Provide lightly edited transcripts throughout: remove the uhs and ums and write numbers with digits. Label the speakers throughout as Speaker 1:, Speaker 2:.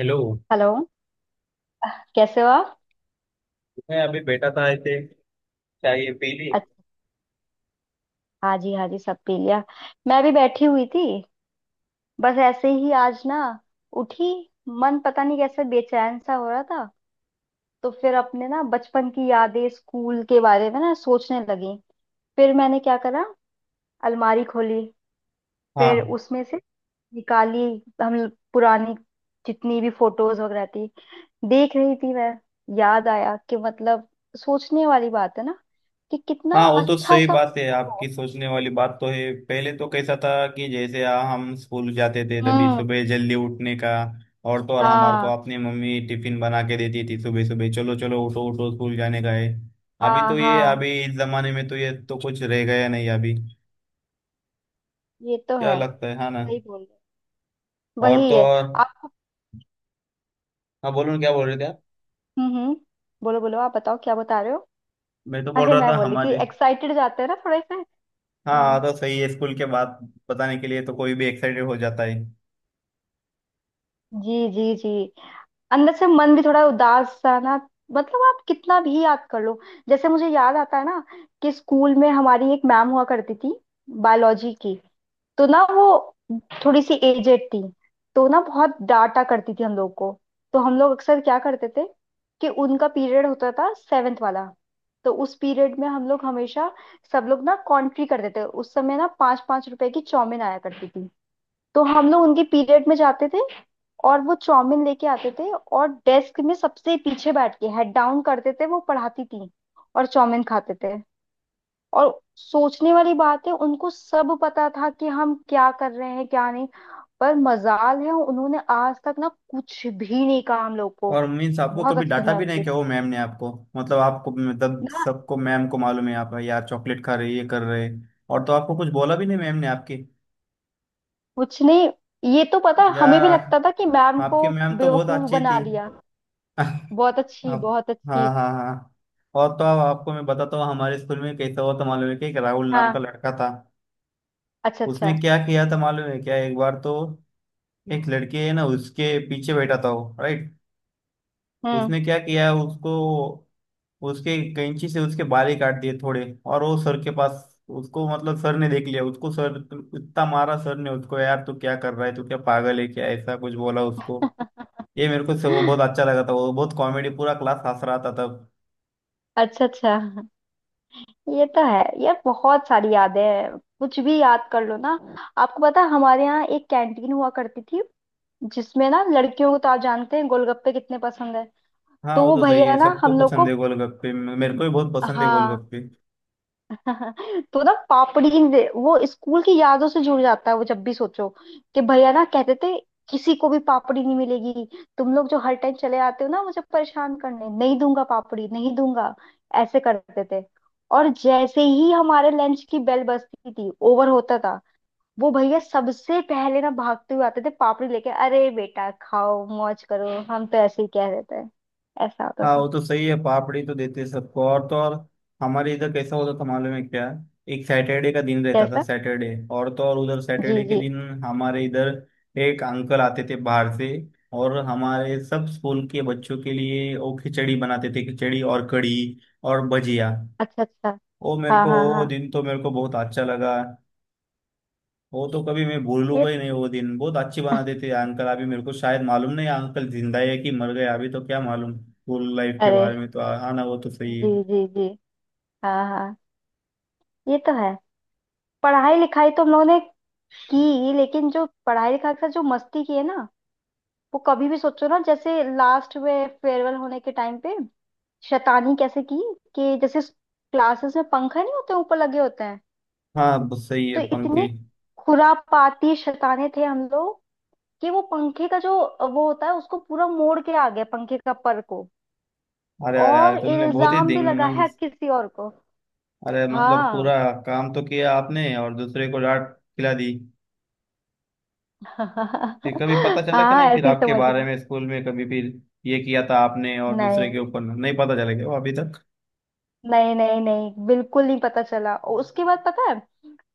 Speaker 1: Hello.
Speaker 2: Hello. कैसे हो आप?
Speaker 1: मैं अभी बैठा था ऐसे, चाय पी ली।
Speaker 2: अच्छा। हाँ जी हाँ जी, सब पी लिया। मैं भी बैठी हुई थी। बस ऐसे ही आज ना, उठी। मन पता नहीं कैसे बेचैन सा हो रहा था। तो फिर अपने ना बचपन की यादें, स्कूल के बारे में ना सोचने लगी। फिर मैंने क्या करा, अलमारी खोली। फिर
Speaker 1: हाँ
Speaker 2: उसमें से निकाली, हम पुरानी जितनी भी फोटोज वगैरह थी, देख रही थी मैं। याद आया कि मतलब, सोचने वाली बात है ना, कि कितना
Speaker 1: हाँ, वो तो
Speaker 2: अच्छा
Speaker 1: सही
Speaker 2: सा।
Speaker 1: बात है आपकी, सोचने वाली बात तो है। पहले तो कैसा था कि जैसे हम स्कूल जाते थे तभी
Speaker 2: हम्म।
Speaker 1: सुबह जल्दी उठने का। और तो और, हमारे को
Speaker 2: हाँ
Speaker 1: अपनी मम्मी टिफिन बना के देती थी। सुबह सुबह चलो चलो उठो उठो, स्कूल जाने का है। अभी
Speaker 2: हाँ
Speaker 1: तो ये,
Speaker 2: हाँ।
Speaker 1: अभी इस जमाने में तो ये तो कुछ रह गया नहीं अभी।
Speaker 2: ये तो
Speaker 1: क्या
Speaker 2: है,
Speaker 1: लगता है, हाँ ना?
Speaker 2: सही बोल रहे हो।
Speaker 1: और तो
Speaker 2: वही है।
Speaker 1: और,
Speaker 2: आपको।
Speaker 1: हाँ बोलो ना, क्या बोल रहे थे आप?
Speaker 2: हम्म। बोलो बोलो, आप बताओ क्या बता रहे हो।
Speaker 1: मैं तो बोल
Speaker 2: अरे
Speaker 1: रहा
Speaker 2: मैं
Speaker 1: था
Speaker 2: बोली थी,
Speaker 1: हमारे।
Speaker 2: एक्साइटेड जाते हैं ना थोड़े से।
Speaker 1: हाँ
Speaker 2: हम्म।
Speaker 1: तो सही है, स्कूल के बाद बताने के लिए तो कोई भी एक्साइटेड हो जाता है।
Speaker 2: जी जी जी। अंदर से मन भी थोड़ा उदास सा ना। मतलब आप कितना भी याद कर लो। जैसे मुझे याद आता है ना, कि स्कूल में हमारी एक मैम हुआ करती थी, बायोलॉजी की। तो ना वो थोड़ी सी एजेड थी। तो ना बहुत डांटा करती थी हम लोग को। तो हम लोग अक्सर क्या करते थे, कि उनका पीरियड होता था सेवेंथ वाला। तो उस पीरियड में हम लोग हमेशा, सब लोग ना कॉन्ट्री करते थे। उस समय ना 5-5 रुपए की चाउमीन आया करती थी। तो हम लोग उनके पीरियड में जाते थे, और वो चाउमीन लेके आते थे, और डेस्क में सबसे पीछे बैठ के हेड डाउन करते थे, वो पढ़ाती थी और चाउमीन खाते थे। और सोचने वाली बात है, उनको सब पता था कि हम क्या कर रहे हैं क्या नहीं। पर मजाल है, उन्होंने आज तक ना कुछ भी नहीं कहा हम लोग को।
Speaker 1: और मीन्स आपको
Speaker 2: बहुत
Speaker 1: कभी
Speaker 2: अच्छी
Speaker 1: डांटा भी
Speaker 2: मैम
Speaker 1: नहीं
Speaker 2: थी
Speaker 1: क्या वो मैम ने? आपको मतलब, आपको मतलब
Speaker 2: ना।
Speaker 1: सबको मैम को मालूम है आप यार चॉकलेट खा रहे, ये कर रहे। और तो आपको कुछ बोला भी नहीं मैम ने आपके?
Speaker 2: कुछ नहीं। ये तो पता है, हमें भी
Speaker 1: यार
Speaker 2: लगता था कि मैम
Speaker 1: आपकी
Speaker 2: को
Speaker 1: मैम तो बहुत
Speaker 2: बेवकूफ
Speaker 1: अच्छी
Speaker 2: बना
Speaker 1: थी।
Speaker 2: लिया। बहुत अच्छी
Speaker 1: आप।
Speaker 2: बहुत
Speaker 1: हाँ
Speaker 2: अच्छी।
Speaker 1: हाँ हाँ। और तो अब आपको मैं बताता हूँ हमारे स्कूल में कैसा हुआ था, मालूम है कि एक राहुल नाम का
Speaker 2: हाँ।
Speaker 1: लड़का था।
Speaker 2: अच्छा
Speaker 1: उसने
Speaker 2: अच्छा।
Speaker 1: क्या किया था मालूम है क्या? एक बार तो एक लड़के है ना, उसके पीछे बैठा था वो राइट,
Speaker 2: हम्म।
Speaker 1: उसने क्या किया उसको, उसके कैंची से उसके बाल ही काट दिए थोड़े। और वो सर के पास, उसको मतलब सर ने देख लिया उसको। सर इतना मारा सर ने उसको, यार तू क्या कर रहा है, तू क्या पागल है क्या, ऐसा कुछ बोला उसको। ये मेरे को से वो बहुत अच्छा लगा था, वो बहुत कॉमेडी, पूरा क्लास हंस रहा था तब।
Speaker 2: अच्छा अच्छा। ये तो है यार, बहुत सारी यादें हैं, कुछ भी याद कर लो ना। आपको पता है, हमारे यहाँ एक कैंटीन हुआ करती थी, जिसमें ना लड़कियों को तो आप जानते हैं गोलगप्पे कितने पसंद है।
Speaker 1: हाँ
Speaker 2: तो
Speaker 1: वो
Speaker 2: वो
Speaker 1: तो सही
Speaker 2: भैया
Speaker 1: है,
Speaker 2: ना
Speaker 1: सबको
Speaker 2: हम लोग
Speaker 1: पसंद
Speaker 2: को।
Speaker 1: है गोलगप्पे, मेरे को भी बहुत पसंद है
Speaker 2: हाँ।
Speaker 1: गोलगप्पे।
Speaker 2: तो ना वो स्कूल की यादों से जुड़ जाता है, वो जब भी सोचो, कि भैया ना कहते थे, किसी को भी पापड़ी नहीं मिलेगी, तुम लोग जो हर टाइम चले आते हो ना मुझे परेशान करने, नहीं दूंगा पापड़ी नहीं दूंगा। ऐसे करते थे। और जैसे ही हमारे लंच की बेल बजती थी, ओवर होता था, वो भैया सबसे पहले ना भागते हुए आते थे पापड़ी लेके, अरे बेटा खाओ मौज करो, हम तो ऐसे ही कह देते हैं। ऐसा होता
Speaker 1: हाँ
Speaker 2: था।
Speaker 1: वो तो सही है, पापड़ी तो देते हैं सबको। और तो और, हमारे इधर कैसा होता था मालूम है क्या? एक सैटरडे का दिन रहता था,
Speaker 2: कैसा।
Speaker 1: सैटरडे। और तो और, उधर
Speaker 2: जी
Speaker 1: सैटरडे के
Speaker 2: जी।
Speaker 1: दिन हमारे इधर एक अंकल आते थे बाहर से, और हमारे सब स्कूल के बच्चों के लिए वो खिचड़ी बनाते थे, खिचड़ी और कढ़ी और भजिया।
Speaker 2: अच्छा अच्छा।
Speaker 1: वो मेरे
Speaker 2: हाँ
Speaker 1: को,
Speaker 2: हाँ
Speaker 1: वो
Speaker 2: हाँ।
Speaker 1: दिन तो मेरे को बहुत अच्छा लगा। वो तो कभी मैं
Speaker 2: ये
Speaker 1: भूलूंगा ही
Speaker 2: तो
Speaker 1: नहीं
Speaker 2: है।
Speaker 1: वो दिन। बहुत अच्छी
Speaker 2: अरे।
Speaker 1: बनाते थे अंकल। अभी मेरे को शायद मालूम नहीं अंकल जिंदा है कि मर गए अभी, तो क्या मालूम। स्कूल लाइफ के बारे में तो हाँ ना, वो तो सही है।
Speaker 2: जी जी जी। हाँ हाँ। ये तो है। पढ़ाई लिखाई तो हम लोगों ने की, लेकिन जो पढ़ाई लिखाई के साथ जो मस्ती की है ना, वो कभी भी सोचो ना। जैसे लास्ट में फेयरवेल होने के टाइम पे शैतानी कैसे की, कि जैसे क्लासेस में पंखा नहीं होते, ऊपर लगे होते हैं।
Speaker 1: हाँ बस सही
Speaker 2: तो
Speaker 1: है पंखे।
Speaker 2: इतने खुरापाती शैताने थे हम लोग, कि वो पंखे का जो वो होता है उसको पूरा मोड़ के आ गया पंखे का पर को।
Speaker 1: अरे अरे अरे,
Speaker 2: और
Speaker 1: तुमने बहुत ही
Speaker 2: इल्जाम
Speaker 1: दिन
Speaker 2: भी लगा है किसी और को।
Speaker 1: अरे मतलब
Speaker 2: हाँ
Speaker 1: पूरा काम तो किया आपने और दूसरे को डांट खिला दी। फिर कभी पता चला कि
Speaker 2: हाँ।
Speaker 1: नहीं? फिर
Speaker 2: ऐसे ही
Speaker 1: आपके
Speaker 2: समझ है
Speaker 1: बारे
Speaker 2: लो।
Speaker 1: में स्कूल में कभी, फिर ये किया था आपने और
Speaker 2: नहीं
Speaker 1: दूसरे के ऊपर, नहीं पता चला क्या वो अभी तक?
Speaker 2: नहीं नहीं नहीं, बिल्कुल नहीं पता चला। और उसके बाद पता है,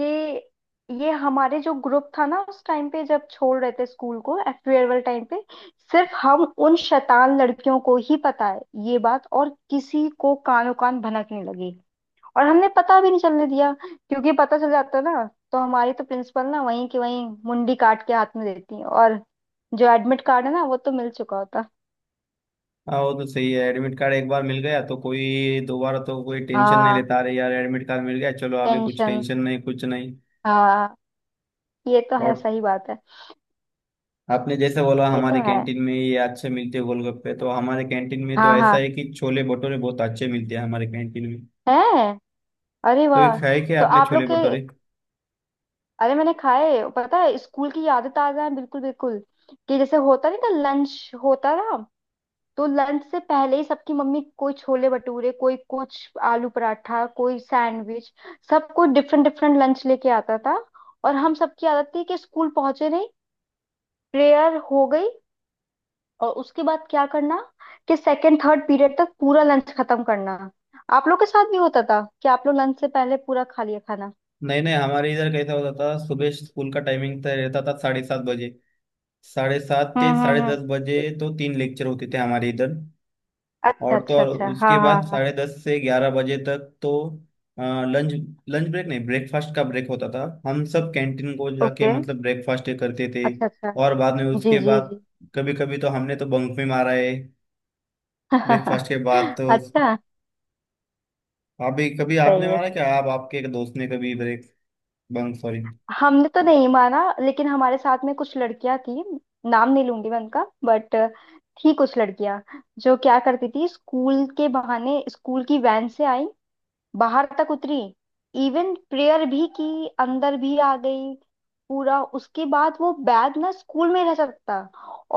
Speaker 2: कि ये हमारे जो ग्रुप था ना उस टाइम पे जब छोड़ रहे थे स्कूल को, फेयरवेल टाइम पे, सिर्फ हम उन शैतान लड़कियों को ही पता है ये बात। और किसी को कानो कान भनकने लगी, और हमने पता भी नहीं चलने दिया, क्योंकि पता चल जाता ना, तो हमारी तो प्रिंसिपल ना वहीं की वहीं मुंडी काट के हाथ में देती। और जो एडमिट कार्ड है ना, वो तो मिल चुका होता।
Speaker 1: हाँ वो तो सही है, एडमिट कार्ड एक बार मिल गया तो कोई दोबारा तो कोई टेंशन नहीं
Speaker 2: हाँ।
Speaker 1: लेता। अरे यार एडमिट कार्ड मिल गया, चलो अभी कुछ
Speaker 2: टेंशन।
Speaker 1: टेंशन नहीं, कुछ नहीं।
Speaker 2: हाँ। ये तो है,
Speaker 1: और
Speaker 2: सही बात है।
Speaker 1: आपने जैसे बोला
Speaker 2: ये
Speaker 1: हमारे
Speaker 2: तो है।
Speaker 1: कैंटीन में ये अच्छे मिलते हैं गोलगप्पे, तो हमारे कैंटीन में तो
Speaker 2: हाँ
Speaker 1: ऐसा
Speaker 2: हाँ।
Speaker 1: है कि छोले भटूरे बहुत अच्छे मिलते हैं हमारे कैंटीन में।
Speaker 2: है। अरे
Speaker 1: तो ये
Speaker 2: वाह।
Speaker 1: खाए क्या
Speaker 2: तो
Speaker 1: आपने
Speaker 2: आप लोग
Speaker 1: छोले
Speaker 2: के।
Speaker 1: भटूरे?
Speaker 2: अरे मैंने खाए, पता है, स्कूल की यादें ताजा हैं बिल्कुल बिल्कुल। कि जैसे होता नहीं था, लंच होता था। तो लंच से पहले ही सबकी मम्मी कोई छोले भटूरे कोई कुछ, आलू पराठा कोई सैंडविच, सब कोई डिफरेंट डिफरेंट लंच लेके आता था। और हम सबकी आदत थी, कि स्कूल पहुंचे नहीं, प्रेयर हो गई, और उसके बाद क्या करना, कि सेकंड थर्ड पीरियड तक पूरा लंच खत्म करना। आप लोग के साथ भी होता था कि आप लोग लंच से पहले पूरा खा लिया खाना?
Speaker 1: नहीं नहीं, हमारे इधर कैसा होता था, सुबह स्कूल का टाइमिंग तय रहता था साढ़े सात बजे। साढ़े सात से साढ़े
Speaker 2: हम्म।
Speaker 1: दस बजे तो तीन लेक्चर होते थे हमारे इधर।
Speaker 2: अच्छा
Speaker 1: और तो
Speaker 2: अच्छा
Speaker 1: और
Speaker 2: अच्छा।
Speaker 1: उसके
Speaker 2: हाँ हाँ
Speaker 1: बाद
Speaker 2: हाँ।
Speaker 1: साढ़े दस से ग्यारह बजे तक तो लंच, लंच ब्रेक नहीं, ब्रेकफास्ट का ब्रेक होता था। हम सब कैंटीन को जाके
Speaker 2: ओके।
Speaker 1: मतलब ब्रेकफास्ट करते थे।
Speaker 2: अच्छा अच्छा।
Speaker 1: और बाद में,
Speaker 2: जी
Speaker 1: उसके
Speaker 2: जी
Speaker 1: बाद
Speaker 2: जी।
Speaker 1: कभी कभी तो हमने तो बंक में मारा है ब्रेकफास्ट के बाद तो।
Speaker 2: अच्छा।
Speaker 1: अभी कभी आपने
Speaker 2: सही है
Speaker 1: मारा
Speaker 2: सही
Speaker 1: क्या
Speaker 2: है।
Speaker 1: आप, आपके एक दोस्त ने कभी ब्रेक बंक, सॉरी?
Speaker 2: हमने तो नहीं माना, लेकिन हमारे साथ में कुछ लड़कियां थी। नाम नहीं लूंगी मैं उनका, बट थी कुछ लड़कियां, जो क्या करती थी, स्कूल के बहाने स्कूल की वैन से आई, बाहर तक उतरी, इवन प्रेयर भी की, अंदर भी आ गई, पूरा उसके बाद वो बैग ना स्कूल में रह सकता,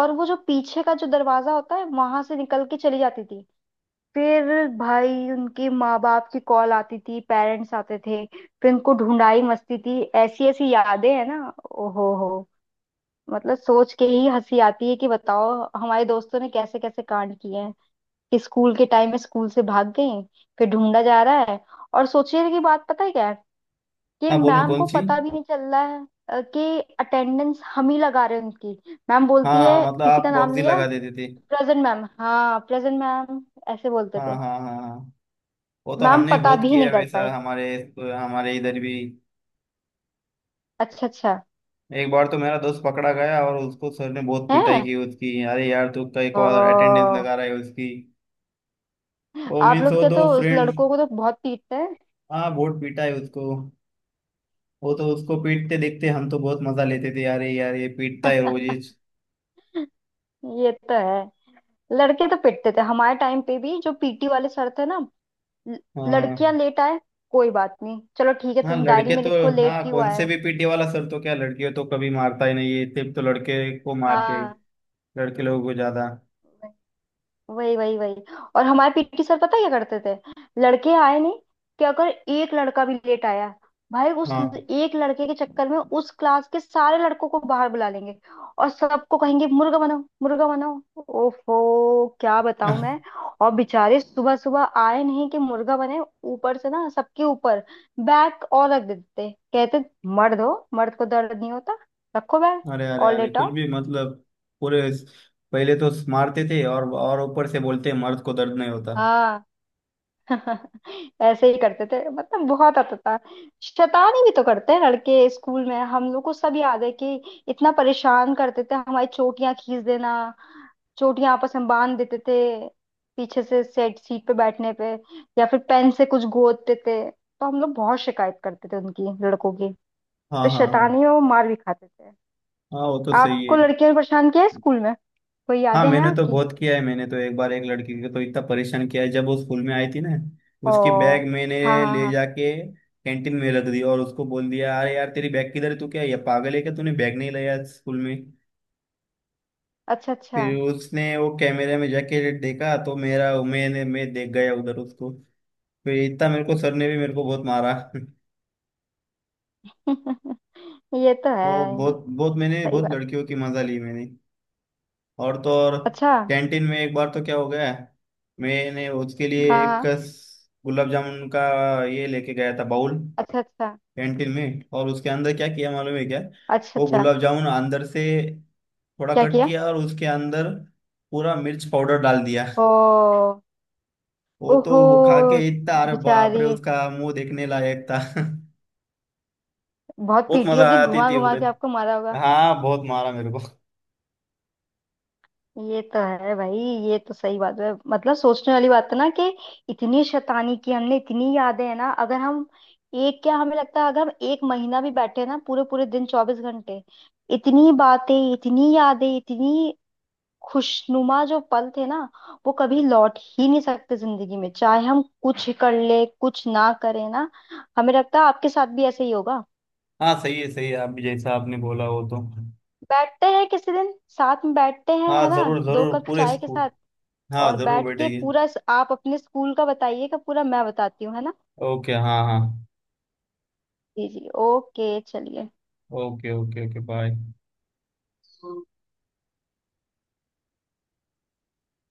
Speaker 2: और वो जो पीछे का जो दरवाजा होता है वहां से निकल के चली जाती थी। फिर भाई उनके माँ बाप की कॉल आती थी, पेरेंट्स आते थे, फिर उनको ढूंढाई, मस्ती थी, ऐसी ऐसी यादें हैं ना। ओहो हो। मतलब सोच के ही हंसी आती है कि बताओ, हमारे दोस्तों ने कैसे कैसे कांड किए, कि स्कूल के टाइम में स्कूल से भाग गई, फिर ढूंढा जा रहा है। और सोचने की बात पता है क्या है, कि
Speaker 1: हाँ बोलो,
Speaker 2: मैम
Speaker 1: कौन
Speaker 2: को
Speaker 1: सी?
Speaker 2: पता भी नहीं चल रहा है। कि अटेंडेंस हम ही लगा रहे हैं उनकी। मैम
Speaker 1: हाँ
Speaker 2: बोलती
Speaker 1: हाँ,
Speaker 2: है
Speaker 1: मतलब
Speaker 2: किसी
Speaker 1: आप
Speaker 2: का नाम
Speaker 1: प्रॉक्सी
Speaker 2: लिया,
Speaker 1: लगा देते थे।
Speaker 2: प्रेजेंट मैम, हाँ प्रेजेंट मैम। ऐसे बोलते
Speaker 1: हाँ
Speaker 2: थे।
Speaker 1: हाँ हाँ हाँ, वो तो
Speaker 2: मैम
Speaker 1: हमने
Speaker 2: पता
Speaker 1: बहुत
Speaker 2: भी
Speaker 1: किया
Speaker 2: नहीं
Speaker 1: है
Speaker 2: कर
Speaker 1: वैसा
Speaker 2: पाए।
Speaker 1: हमारे, हमारे इधर भी।
Speaker 2: अच्छा अच्छा।
Speaker 1: एक बार तो मेरा दोस्त पकड़ा गया और उसको सर ने बहुत पिटाई
Speaker 2: है।
Speaker 1: की उसकी। अरे यार तू कई को अटेंडेंस
Speaker 2: ओ,
Speaker 1: लगा रहा है उसकी। वो
Speaker 2: आप
Speaker 1: मीन्स
Speaker 2: लोग
Speaker 1: वो
Speaker 2: क्या,
Speaker 1: दो
Speaker 2: तो उस
Speaker 1: फ्रेंड।
Speaker 2: लड़कों को तो बहुत पीटते हैं।
Speaker 1: हाँ बहुत पीटा है उसको। वो तो उसको पीटते देखते हम तो बहुत मजा लेते थे, यार यार ये पीटता है रोज ही।
Speaker 2: ये तो है। लड़के तो पिटते थे हमारे टाइम पे भी। जो पीटी वाले सर थे ना, ल-
Speaker 1: हाँ
Speaker 2: लड़कियां
Speaker 1: हाँ
Speaker 2: लेट आए कोई बात नहीं, चलो ठीक है,
Speaker 1: हाँ,
Speaker 2: तुम डायरी
Speaker 1: लड़के
Speaker 2: में
Speaker 1: तो।
Speaker 2: लिखो लेट
Speaker 1: हाँ,
Speaker 2: क्यों
Speaker 1: कौन से
Speaker 2: आया।
Speaker 1: भी पीटे वाला सर तो क्या लड़कियों तो कभी मारता ही नहीं है, सिर्फ तो लड़के को मारते हैं,
Speaker 2: हाँ।
Speaker 1: लड़के लोगों को ज्यादा।
Speaker 2: वही वही वही। और हमारे पीटी सर पता है क्या करते थे, लड़के आए नहीं, कि अगर एक लड़का भी लेट आया, भाई उस
Speaker 1: हाँ।
Speaker 2: एक लड़के के चक्कर में उस क्लास के सारे लड़कों को बाहर बुला लेंगे, और सबको कहेंगे मुर्गा बनाओ मुर्गा बनाओ। ओफो क्या बताऊं मैं। और बेचारे सुबह सुबह आए नहीं कि मुर्गा बने, ऊपर से ना सबके ऊपर बैग और रख देते, कहते मर्द हो, मर्द को दर्द नहीं होता, रखो बैग
Speaker 1: अरे अरे
Speaker 2: और
Speaker 1: अरे, कुछ
Speaker 2: लेटाओ।
Speaker 1: भी मतलब, पूरे, पहले तो मारते थे और ऊपर से बोलते हैं, मर्द को दर्द नहीं होता।
Speaker 2: हाँ। ऐसे ही करते थे, मतलब बहुत आता था। शैतानी भी तो करते हैं लड़के स्कूल में, हम लोग को सब याद है, कि इतना परेशान करते थे, हमारी चोटियां खींच देना, चोटियां आपस में बांध देते थे पीछे से सेट सीट पे बैठने पे, या फिर पेन से कुछ गोदते थे। तो हम लोग बहुत शिकायत करते थे उनकी, लड़कों की।
Speaker 1: हाँ
Speaker 2: तो
Speaker 1: हाँ हाँ
Speaker 2: शैतानी और मार भी खाते थे।
Speaker 1: हाँ, वो तो सही है।
Speaker 2: आपको लड़कियों ने परेशान किया है स्कूल में? कोई
Speaker 1: हाँ
Speaker 2: यादें हैं
Speaker 1: मैंने तो
Speaker 2: आपकी?
Speaker 1: बहुत किया है, मैंने तो एक बार एक लड़की को तो इतना परेशान किया है। जब वो स्कूल में आई थी ना,
Speaker 2: ओ।
Speaker 1: उसकी बैग मैंने
Speaker 2: हाँ हाँ
Speaker 1: ले
Speaker 2: हाँ।
Speaker 1: जाके कैंटीन में रख दी, और उसको बोल दिया अरे यार तेरी बैग किधर है, तू क्या ये पागल है क्या, तूने बैग नहीं लाया स्कूल में?
Speaker 2: अच्छा अच्छा।
Speaker 1: फिर उसने वो कैमरे में जाके देखा, तो मेरा, मैंने, मैं देख गया उधर उसको। फिर इतना मेरे को सर ने भी मेरे को बहुत मारा।
Speaker 2: ये तो
Speaker 1: वो
Speaker 2: है,
Speaker 1: बहुत बहुत, मैंने
Speaker 2: सही
Speaker 1: बहुत
Speaker 2: बात।
Speaker 1: लड़कियों की मजा ली मैंने। और तो और,
Speaker 2: अच्छा। हाँ
Speaker 1: कैंटीन में एक बार तो क्या हो गया, मैंने उसके लिए एक
Speaker 2: हाँ।
Speaker 1: गुलाब जामुन का ये लेके गया था बाउल
Speaker 2: अच्छा अच्छा।
Speaker 1: कैंटीन में, और उसके अंदर क्या किया मालूम है क्या?
Speaker 2: अच्छा
Speaker 1: वो
Speaker 2: अच्छा।
Speaker 1: गुलाब जामुन अंदर से थोड़ा
Speaker 2: क्या
Speaker 1: कट
Speaker 2: किया?
Speaker 1: किया, और उसके अंदर पूरा मिर्च पाउडर डाल दिया।
Speaker 2: ओ।
Speaker 1: वो तो
Speaker 2: ओहो।
Speaker 1: वो खा के इतना, अरे बाप रे,
Speaker 2: बेचारी।
Speaker 1: उसका मुंह देखने लायक था।
Speaker 2: बहुत
Speaker 1: बहुत
Speaker 2: पीटी
Speaker 1: मजा
Speaker 2: होगी,
Speaker 1: आती
Speaker 2: घुमा
Speaker 1: थी
Speaker 2: घुमा के
Speaker 1: उधर।
Speaker 2: आपको मारा होगा।
Speaker 1: हाँ बहुत मारा मेरे को।
Speaker 2: ये तो है भाई, ये तो सही बात है। मतलब सोचने वाली बात है ना, कि इतनी शैतानी की हमने, इतनी यादें हैं ना, अगर हम एक क्या, हमें लगता है अगर हम एक महीना भी बैठे ना पूरे पूरे दिन 24 घंटे, इतनी बातें इतनी यादें इतनी खुशनुमा जो पल थे ना, वो कभी लौट ही नहीं सकते जिंदगी में, चाहे हम कुछ कर ले कुछ ना करें ना। हमें लगता है आपके साथ भी ऐसे ही होगा।
Speaker 1: हाँ सही है सही है, आप जैसा आपने बोला वो तो।
Speaker 2: बैठते हैं किसी दिन, साथ में बैठते हैं
Speaker 1: हाँ
Speaker 2: है ना,
Speaker 1: जरूर
Speaker 2: दो
Speaker 1: जरूर,
Speaker 2: कप
Speaker 1: पूरे
Speaker 2: चाय के
Speaker 1: स्कूल।
Speaker 2: साथ,
Speaker 1: हाँ
Speaker 2: और
Speaker 1: जरूर
Speaker 2: बैठ के
Speaker 1: बैठेगी।
Speaker 2: पूरा आप अपने स्कूल का बताइएगा पूरा, मैं बताती हूँ, है ना।
Speaker 1: ओके हाँ हाँ।
Speaker 2: जी जी ओके चलिए।
Speaker 1: Okay okay okay bye.